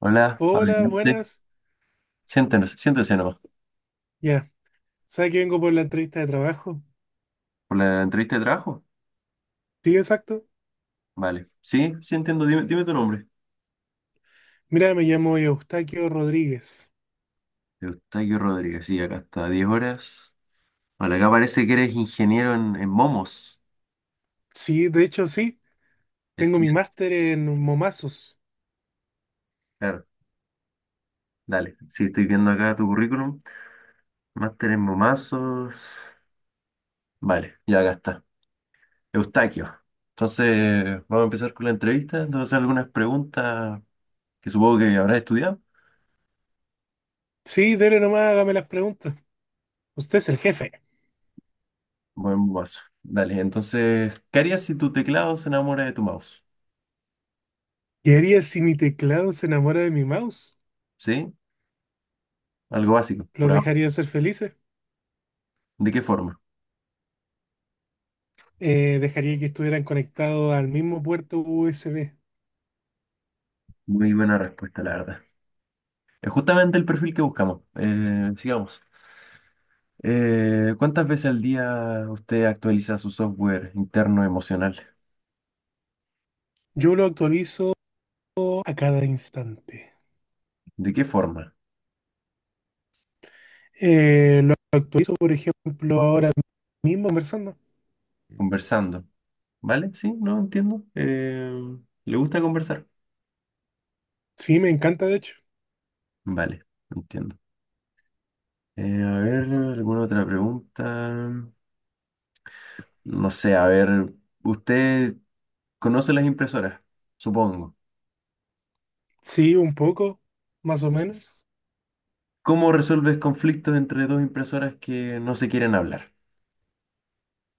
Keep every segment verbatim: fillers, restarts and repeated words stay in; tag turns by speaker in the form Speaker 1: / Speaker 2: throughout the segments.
Speaker 1: Hola,
Speaker 2: Hola,
Speaker 1: adelante.
Speaker 2: buenas.
Speaker 1: Siéntenos, siéntese nomás.
Speaker 2: Ya, ¿sabes que vengo por la entrevista de trabajo?
Speaker 1: ¿Por la entrevista de trabajo?
Speaker 2: Sí, exacto.
Speaker 1: Vale. Sí, sí entiendo. Dime, dime tu nombre.
Speaker 2: Mira, me llamo Eustaquio Rodríguez.
Speaker 1: Eustaquio Rodríguez. Sí, acá está. Diez horas. Vale, acá parece que eres ingeniero en, en momos.
Speaker 2: Sí, de hecho, sí. Tengo mi
Speaker 1: Estudiante.
Speaker 2: máster en momazos.
Speaker 1: Claro. Dale. Sí, estoy viendo acá tu currículum. Máster en momazos. Vale, ya acá está. Eustaquio. Entonces, vamos a empezar con la entrevista. Entonces, algunas preguntas que supongo que habrás estudiado.
Speaker 2: Sí, dele nomás, hágame las preguntas. Usted es el jefe.
Speaker 1: Buen momazo. Dale, entonces, ¿qué harías si tu teclado se enamora de tu mouse?
Speaker 2: ¿Qué haría si mi teclado se enamora de mi mouse?
Speaker 1: ¿Sí? Algo básico, por
Speaker 2: ¿Los
Speaker 1: ahora.
Speaker 2: dejaría ser felices?
Speaker 1: ¿De qué forma?
Speaker 2: Eh, ¿dejaría que estuvieran conectados al mismo puerto U S B?
Speaker 1: Muy buena respuesta, la verdad. Es justamente el perfil que buscamos. Eh, sigamos. Eh, ¿cuántas veces al día usted actualiza su software interno emocional?
Speaker 2: Yo lo actualizo a cada instante.
Speaker 1: ¿De qué forma?
Speaker 2: Eh, lo actualizo, por ejemplo, ahora mismo conversando.
Speaker 1: Conversando. ¿Vale? Sí, no entiendo. Eh, ¿le gusta conversar?
Speaker 2: Sí, me encanta, de hecho.
Speaker 1: Vale, entiendo. Eh, a ver, ¿alguna otra pregunta? No sé, a ver, ¿usted conoce las impresoras? Supongo.
Speaker 2: Sí, un poco, más o menos.
Speaker 1: ¿Cómo resuelves conflictos entre dos impresoras que no se quieren hablar?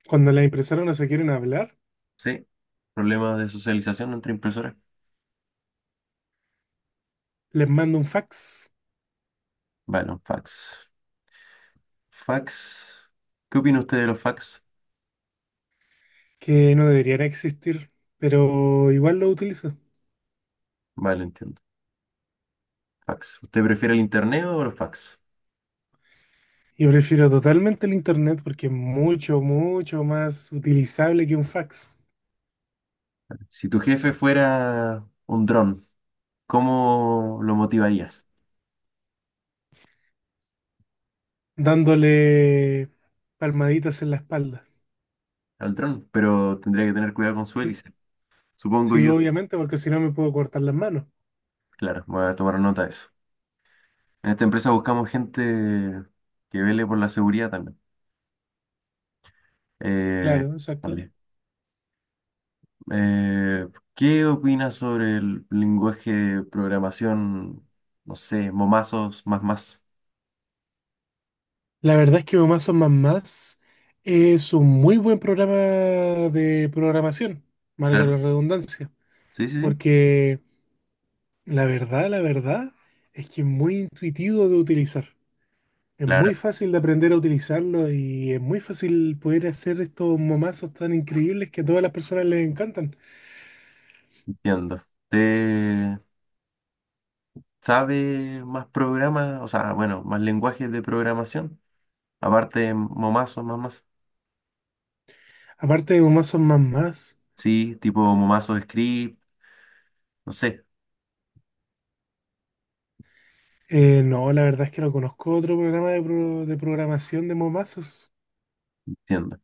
Speaker 2: Cuando las impresoras no se quieren hablar,
Speaker 1: ¿Sí? Problemas de socialización entre impresoras.
Speaker 2: les mando un fax
Speaker 1: Vale, un fax. Fax. ¿Qué opina usted de los fax?
Speaker 2: que no debería existir, pero igual lo utilizo.
Speaker 1: Vale, entiendo. Fax. ¿Usted prefiere el internet o los fax?
Speaker 2: Yo prefiero totalmente el internet porque es mucho, mucho más utilizable que un fax,
Speaker 1: Si tu jefe fuera un dron, ¿cómo lo motivarías
Speaker 2: dándole palmaditas en la espalda.
Speaker 1: al dron? Pero tendría que tener cuidado con su
Speaker 2: Sí,
Speaker 1: hélice, supongo
Speaker 2: sí,
Speaker 1: yo.
Speaker 2: obviamente, porque si no me puedo cortar las manos.
Speaker 1: Claro, voy a tomar nota de eso. En esta empresa buscamos gente que vele por la seguridad también. Eh,
Speaker 2: Claro, exacto.
Speaker 1: vale. Eh, ¿qué opinas sobre el lenguaje de programación, no sé, momazos, más más?
Speaker 2: La verdad es que Más o Más Más es un muy buen programa de programación, marca
Speaker 1: Claro,
Speaker 2: la redundancia.
Speaker 1: sí, sí, sí.
Speaker 2: Porque la verdad, la verdad, es que es muy intuitivo de utilizar. Es muy
Speaker 1: Claro,
Speaker 2: fácil de aprender a utilizarlo y es muy fácil poder hacer estos momazos tan increíbles que a todas las personas les encantan.
Speaker 1: entiendo. ¿Te sabe más programas, o sea, bueno, más lenguajes de programación? Aparte de momazos, más más.
Speaker 2: Aparte de momazos más más,
Speaker 1: Sí, tipo momazo script, no sé,
Speaker 2: eh, no, la verdad es que no conozco otro programa de, pro- de programación de momazos.
Speaker 1: entiendo.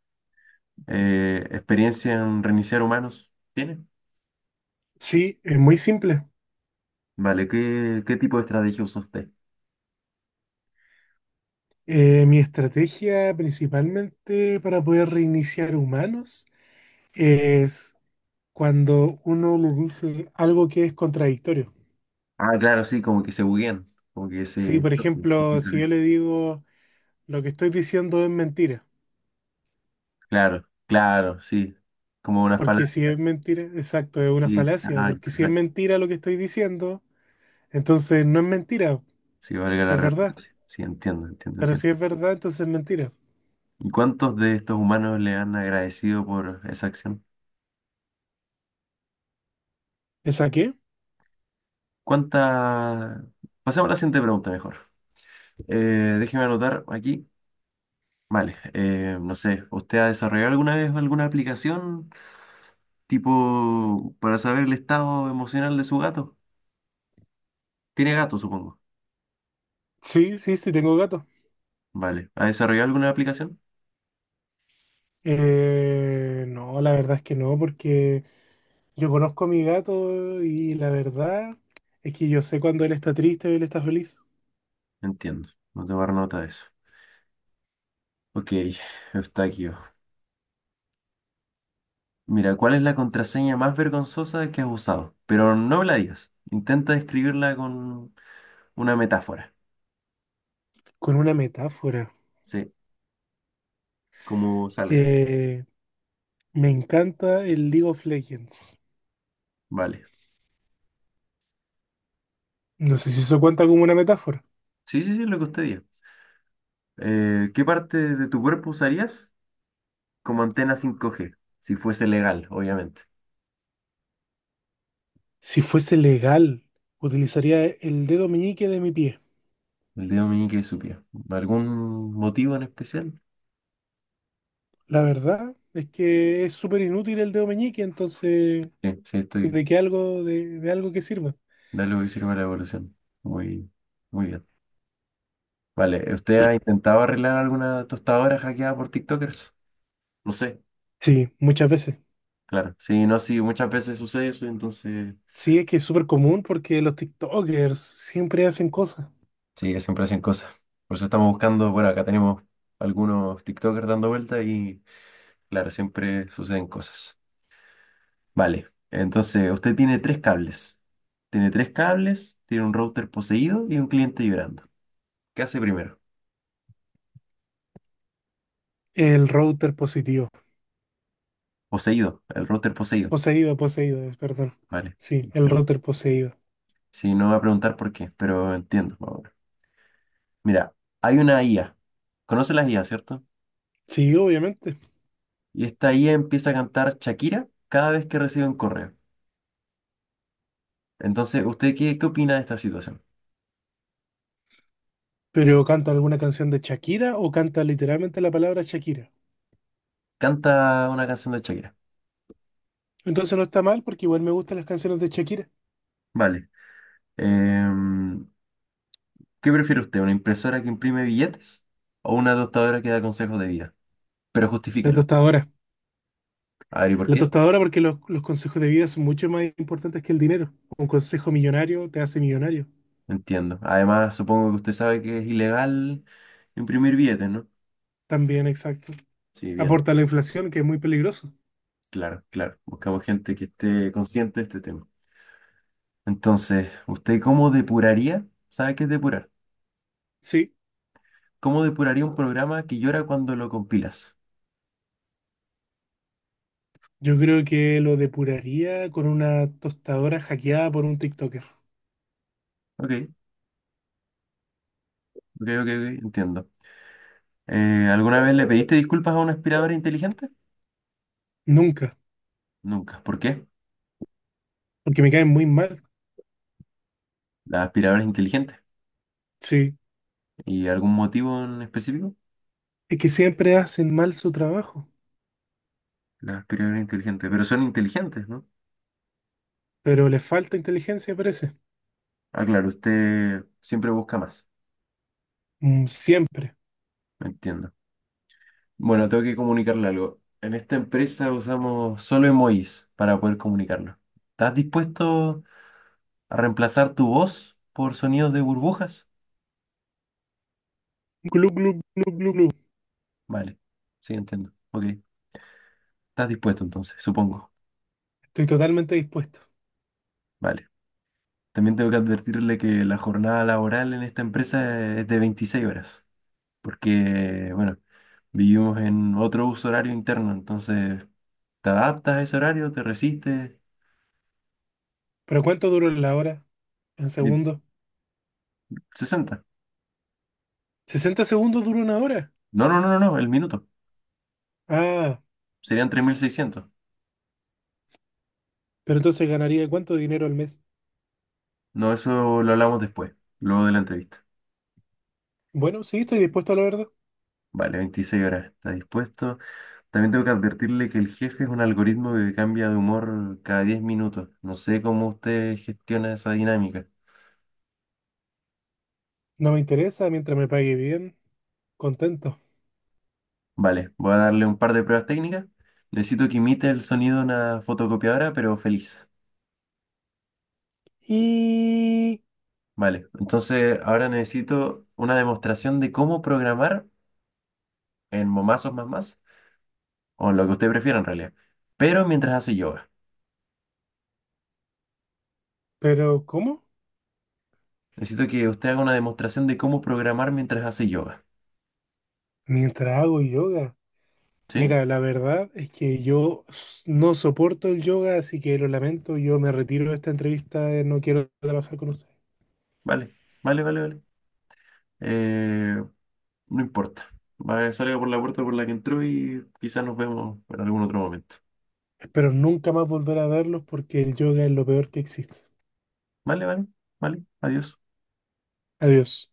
Speaker 1: Eh, ¿experiencia en reiniciar humanos? ¿Tiene?
Speaker 2: Sí, es muy simple.
Speaker 1: Vale, ¿qué, qué tipo de estrategia usa usted?
Speaker 2: Eh, mi estrategia principalmente para poder reiniciar humanos es cuando uno le dice algo que es contradictorio.
Speaker 1: Ah, claro, sí, como que se buguean, como que
Speaker 2: Sí,
Speaker 1: se
Speaker 2: por
Speaker 1: chocan.
Speaker 2: ejemplo, si yo le digo lo que estoy diciendo es mentira,
Speaker 1: Claro, claro, sí. Como una
Speaker 2: porque si
Speaker 1: falacia.
Speaker 2: es mentira, exacto, es una
Speaker 1: Sí,
Speaker 2: falacia,
Speaker 1: exacto,
Speaker 2: porque si es
Speaker 1: exacto.
Speaker 2: mentira lo que estoy diciendo, entonces no es mentira,
Speaker 1: Sí, valga la
Speaker 2: es verdad,
Speaker 1: redundancia. Sí, entiendo, entiendo,
Speaker 2: pero
Speaker 1: entiendo.
Speaker 2: si es verdad, entonces es mentira.
Speaker 1: ¿Y cuántos de estos humanos le han agradecido por esa acción?
Speaker 2: ¿Esa qué?
Speaker 1: ¿Cuánta... Pasemos a la siguiente pregunta mejor. Eh, déjeme anotar aquí. Vale, eh, no sé, ¿usted ha desarrollado alguna vez alguna aplicación tipo para saber el estado emocional de su gato? Tiene gato, supongo.
Speaker 2: Sí, sí, sí, tengo gato.
Speaker 1: Vale, ¿ha desarrollado alguna aplicación?
Speaker 2: Eh, no, la verdad es que no, porque yo conozco a mi gato y la verdad es que yo sé cuando él está triste o él está feliz,
Speaker 1: Entiendo, no tomar nota de eso. Ok, está aquí. Mira, ¿cuál es la contraseña más vergonzosa que has usado? Pero no me la digas. Intenta describirla con una metáfora.
Speaker 2: con una metáfora.
Speaker 1: Sí, como salga.
Speaker 2: Eh, Me encanta el League of Legends.
Speaker 1: Vale.
Speaker 2: No sé si eso cuenta como una metáfora.
Speaker 1: Sí, sí, sí, lo que usted diga. Eh, ¿qué parte de tu cuerpo usarías como antena cinco G? Si fuese legal, obviamente.
Speaker 2: Si fuese legal, utilizaría el dedo meñique de mi pie.
Speaker 1: El dedo meñique de su pie. ¿Algún motivo en especial?
Speaker 2: La verdad es que es súper inútil el dedo meñique, entonces,
Speaker 1: Sí, sí, estoy.
Speaker 2: ¿de qué algo, de, de algo que sirva?
Speaker 1: Dale que sirve la evolución. Muy, muy bien. Vale, ¿usted ha intentado arreglar alguna tostadora hackeada por TikTokers? No sé.
Speaker 2: Sí, muchas veces.
Speaker 1: Claro, sí, no, sí, muchas veces sucede eso, entonces
Speaker 2: Sí, es que es súper común porque los TikTokers siempre hacen cosas.
Speaker 1: sí, que siempre hacen cosas. Por eso estamos buscando, bueno, acá tenemos algunos TikTokers dando vueltas y claro, siempre suceden cosas. Vale, entonces usted tiene tres cables. Tiene tres cables, tiene un router poseído y un cliente vibrando. ¿Qué hace primero?
Speaker 2: El router positivo.
Speaker 1: Poseído, el router poseído.
Speaker 2: Poseído, poseído, es, perdón.
Speaker 1: Vale,
Speaker 2: Sí, el
Speaker 1: entiendo.
Speaker 2: router poseído.
Speaker 1: Sí, no va a preguntar por qué, pero entiendo. Más. Mira, hay una I A. ¿Conoce las I A, cierto?
Speaker 2: Sí, obviamente.
Speaker 1: Y esta I A empieza a cantar Shakira cada vez que recibe un correo. Entonces, usted qué, qué opina de esta situación?
Speaker 2: ¿Pero canta alguna canción de Shakira o canta literalmente la palabra Shakira?
Speaker 1: Canta una canción de Shakira.
Speaker 2: Entonces no está mal porque igual me gustan las canciones de Shakira.
Speaker 1: Vale. Em, ¿qué prefiere usted? ¿Una impresora que imprime billetes o una tostadora que da consejos de vida? Pero
Speaker 2: La
Speaker 1: justifíquelo.
Speaker 2: tostadora.
Speaker 1: A ver, ¿y por
Speaker 2: La
Speaker 1: qué?
Speaker 2: tostadora porque los, los consejos de vida son mucho más importantes que el dinero. Un consejo millonario te hace millonario.
Speaker 1: Entiendo. Además, supongo que usted sabe que es ilegal imprimir billetes, ¿no?
Speaker 2: También, exacto.
Speaker 1: Sí, bien.
Speaker 2: Aporta a la inflación, que es muy peligroso.
Speaker 1: Claro, claro. Buscamos gente que esté consciente de este tema. Entonces, ¿usted cómo depuraría? ¿Sabe qué es depurar?
Speaker 2: Sí,
Speaker 1: ¿Cómo depuraría un programa que llora cuando lo compilas?
Speaker 2: yo creo que lo depuraría con una tostadora hackeada por un TikToker.
Speaker 1: Ok, ok, ok, ok, entiendo. Eh, ¿alguna vez le pediste disculpas a una aspiradora inteligente?
Speaker 2: Nunca,
Speaker 1: Nunca. ¿Por qué?
Speaker 2: porque me caen muy mal.
Speaker 1: Las aspiradoras inteligentes.
Speaker 2: Sí,
Speaker 1: ¿Y algún motivo en específico?
Speaker 2: es que siempre hacen mal su trabajo,
Speaker 1: Las aspiradoras inteligentes. Pero son inteligentes, ¿no?
Speaker 2: pero les falta inteligencia, parece.
Speaker 1: Ah, claro, usted siempre busca más.
Speaker 2: Mm, siempre.
Speaker 1: Entiendo. Bueno, tengo que comunicarle algo. En esta empresa usamos solo emojis para poder comunicarnos. ¿Estás dispuesto a reemplazar tu voz por sonidos de burbujas?
Speaker 2: Glu, glu, glu, glu, glu.
Speaker 1: Vale. Sí, entiendo. Ok. ¿Estás dispuesto entonces? Supongo.
Speaker 2: Estoy totalmente dispuesto.
Speaker 1: Vale. También tengo que advertirle que la jornada laboral en esta empresa es de veintiséis horas, porque, bueno, vivimos en otro uso horario interno, entonces te adaptas a ese horario, te resistes.
Speaker 2: ¿Pero cuánto duró la hora? ¿En
Speaker 1: Y
Speaker 2: segundos?
Speaker 1: sesenta.
Speaker 2: ¿Sesenta segundos dura una hora?
Speaker 1: No, no, no, no, no, el minuto.
Speaker 2: Ah,
Speaker 1: Serían tres mil seiscientos.
Speaker 2: pero entonces ganaría cuánto dinero al mes.
Speaker 1: No, eso lo hablamos después, luego de la entrevista.
Speaker 2: Bueno, sí, estoy dispuesto a la verdad.
Speaker 1: Vale, veintiséis horas, está dispuesto. También tengo que advertirle que el jefe es un algoritmo que cambia de humor cada diez minutos. No sé cómo usted gestiona esa dinámica.
Speaker 2: No me interesa mientras me pague bien. Contento.
Speaker 1: Vale, voy a darle un par de pruebas técnicas. Necesito que imite el sonido de una fotocopiadora, pero feliz.
Speaker 2: Y...
Speaker 1: Vale, entonces ahora necesito una demostración de cómo programar en Momazos más más, o en lo que usted prefiera en realidad, pero mientras hace yoga.
Speaker 2: ¿Pero cómo?
Speaker 1: Necesito que usted haga una demostración de cómo programar mientras hace yoga.
Speaker 2: Mientras hago yoga.
Speaker 1: ¿Sí?
Speaker 2: Mira, la verdad es que yo s- no soporto el yoga, así que lo lamento. Yo me retiro de esta entrevista. eh, No quiero trabajar con ustedes.
Speaker 1: Vale, vale, vale, vale. Eh, no importa. Va, salga por la puerta por la que entró y quizás nos vemos en algún otro momento.
Speaker 2: Espero nunca más volver a verlos porque el yoga es lo peor que existe.
Speaker 1: Vale, vale, vale. Adiós.
Speaker 2: Adiós.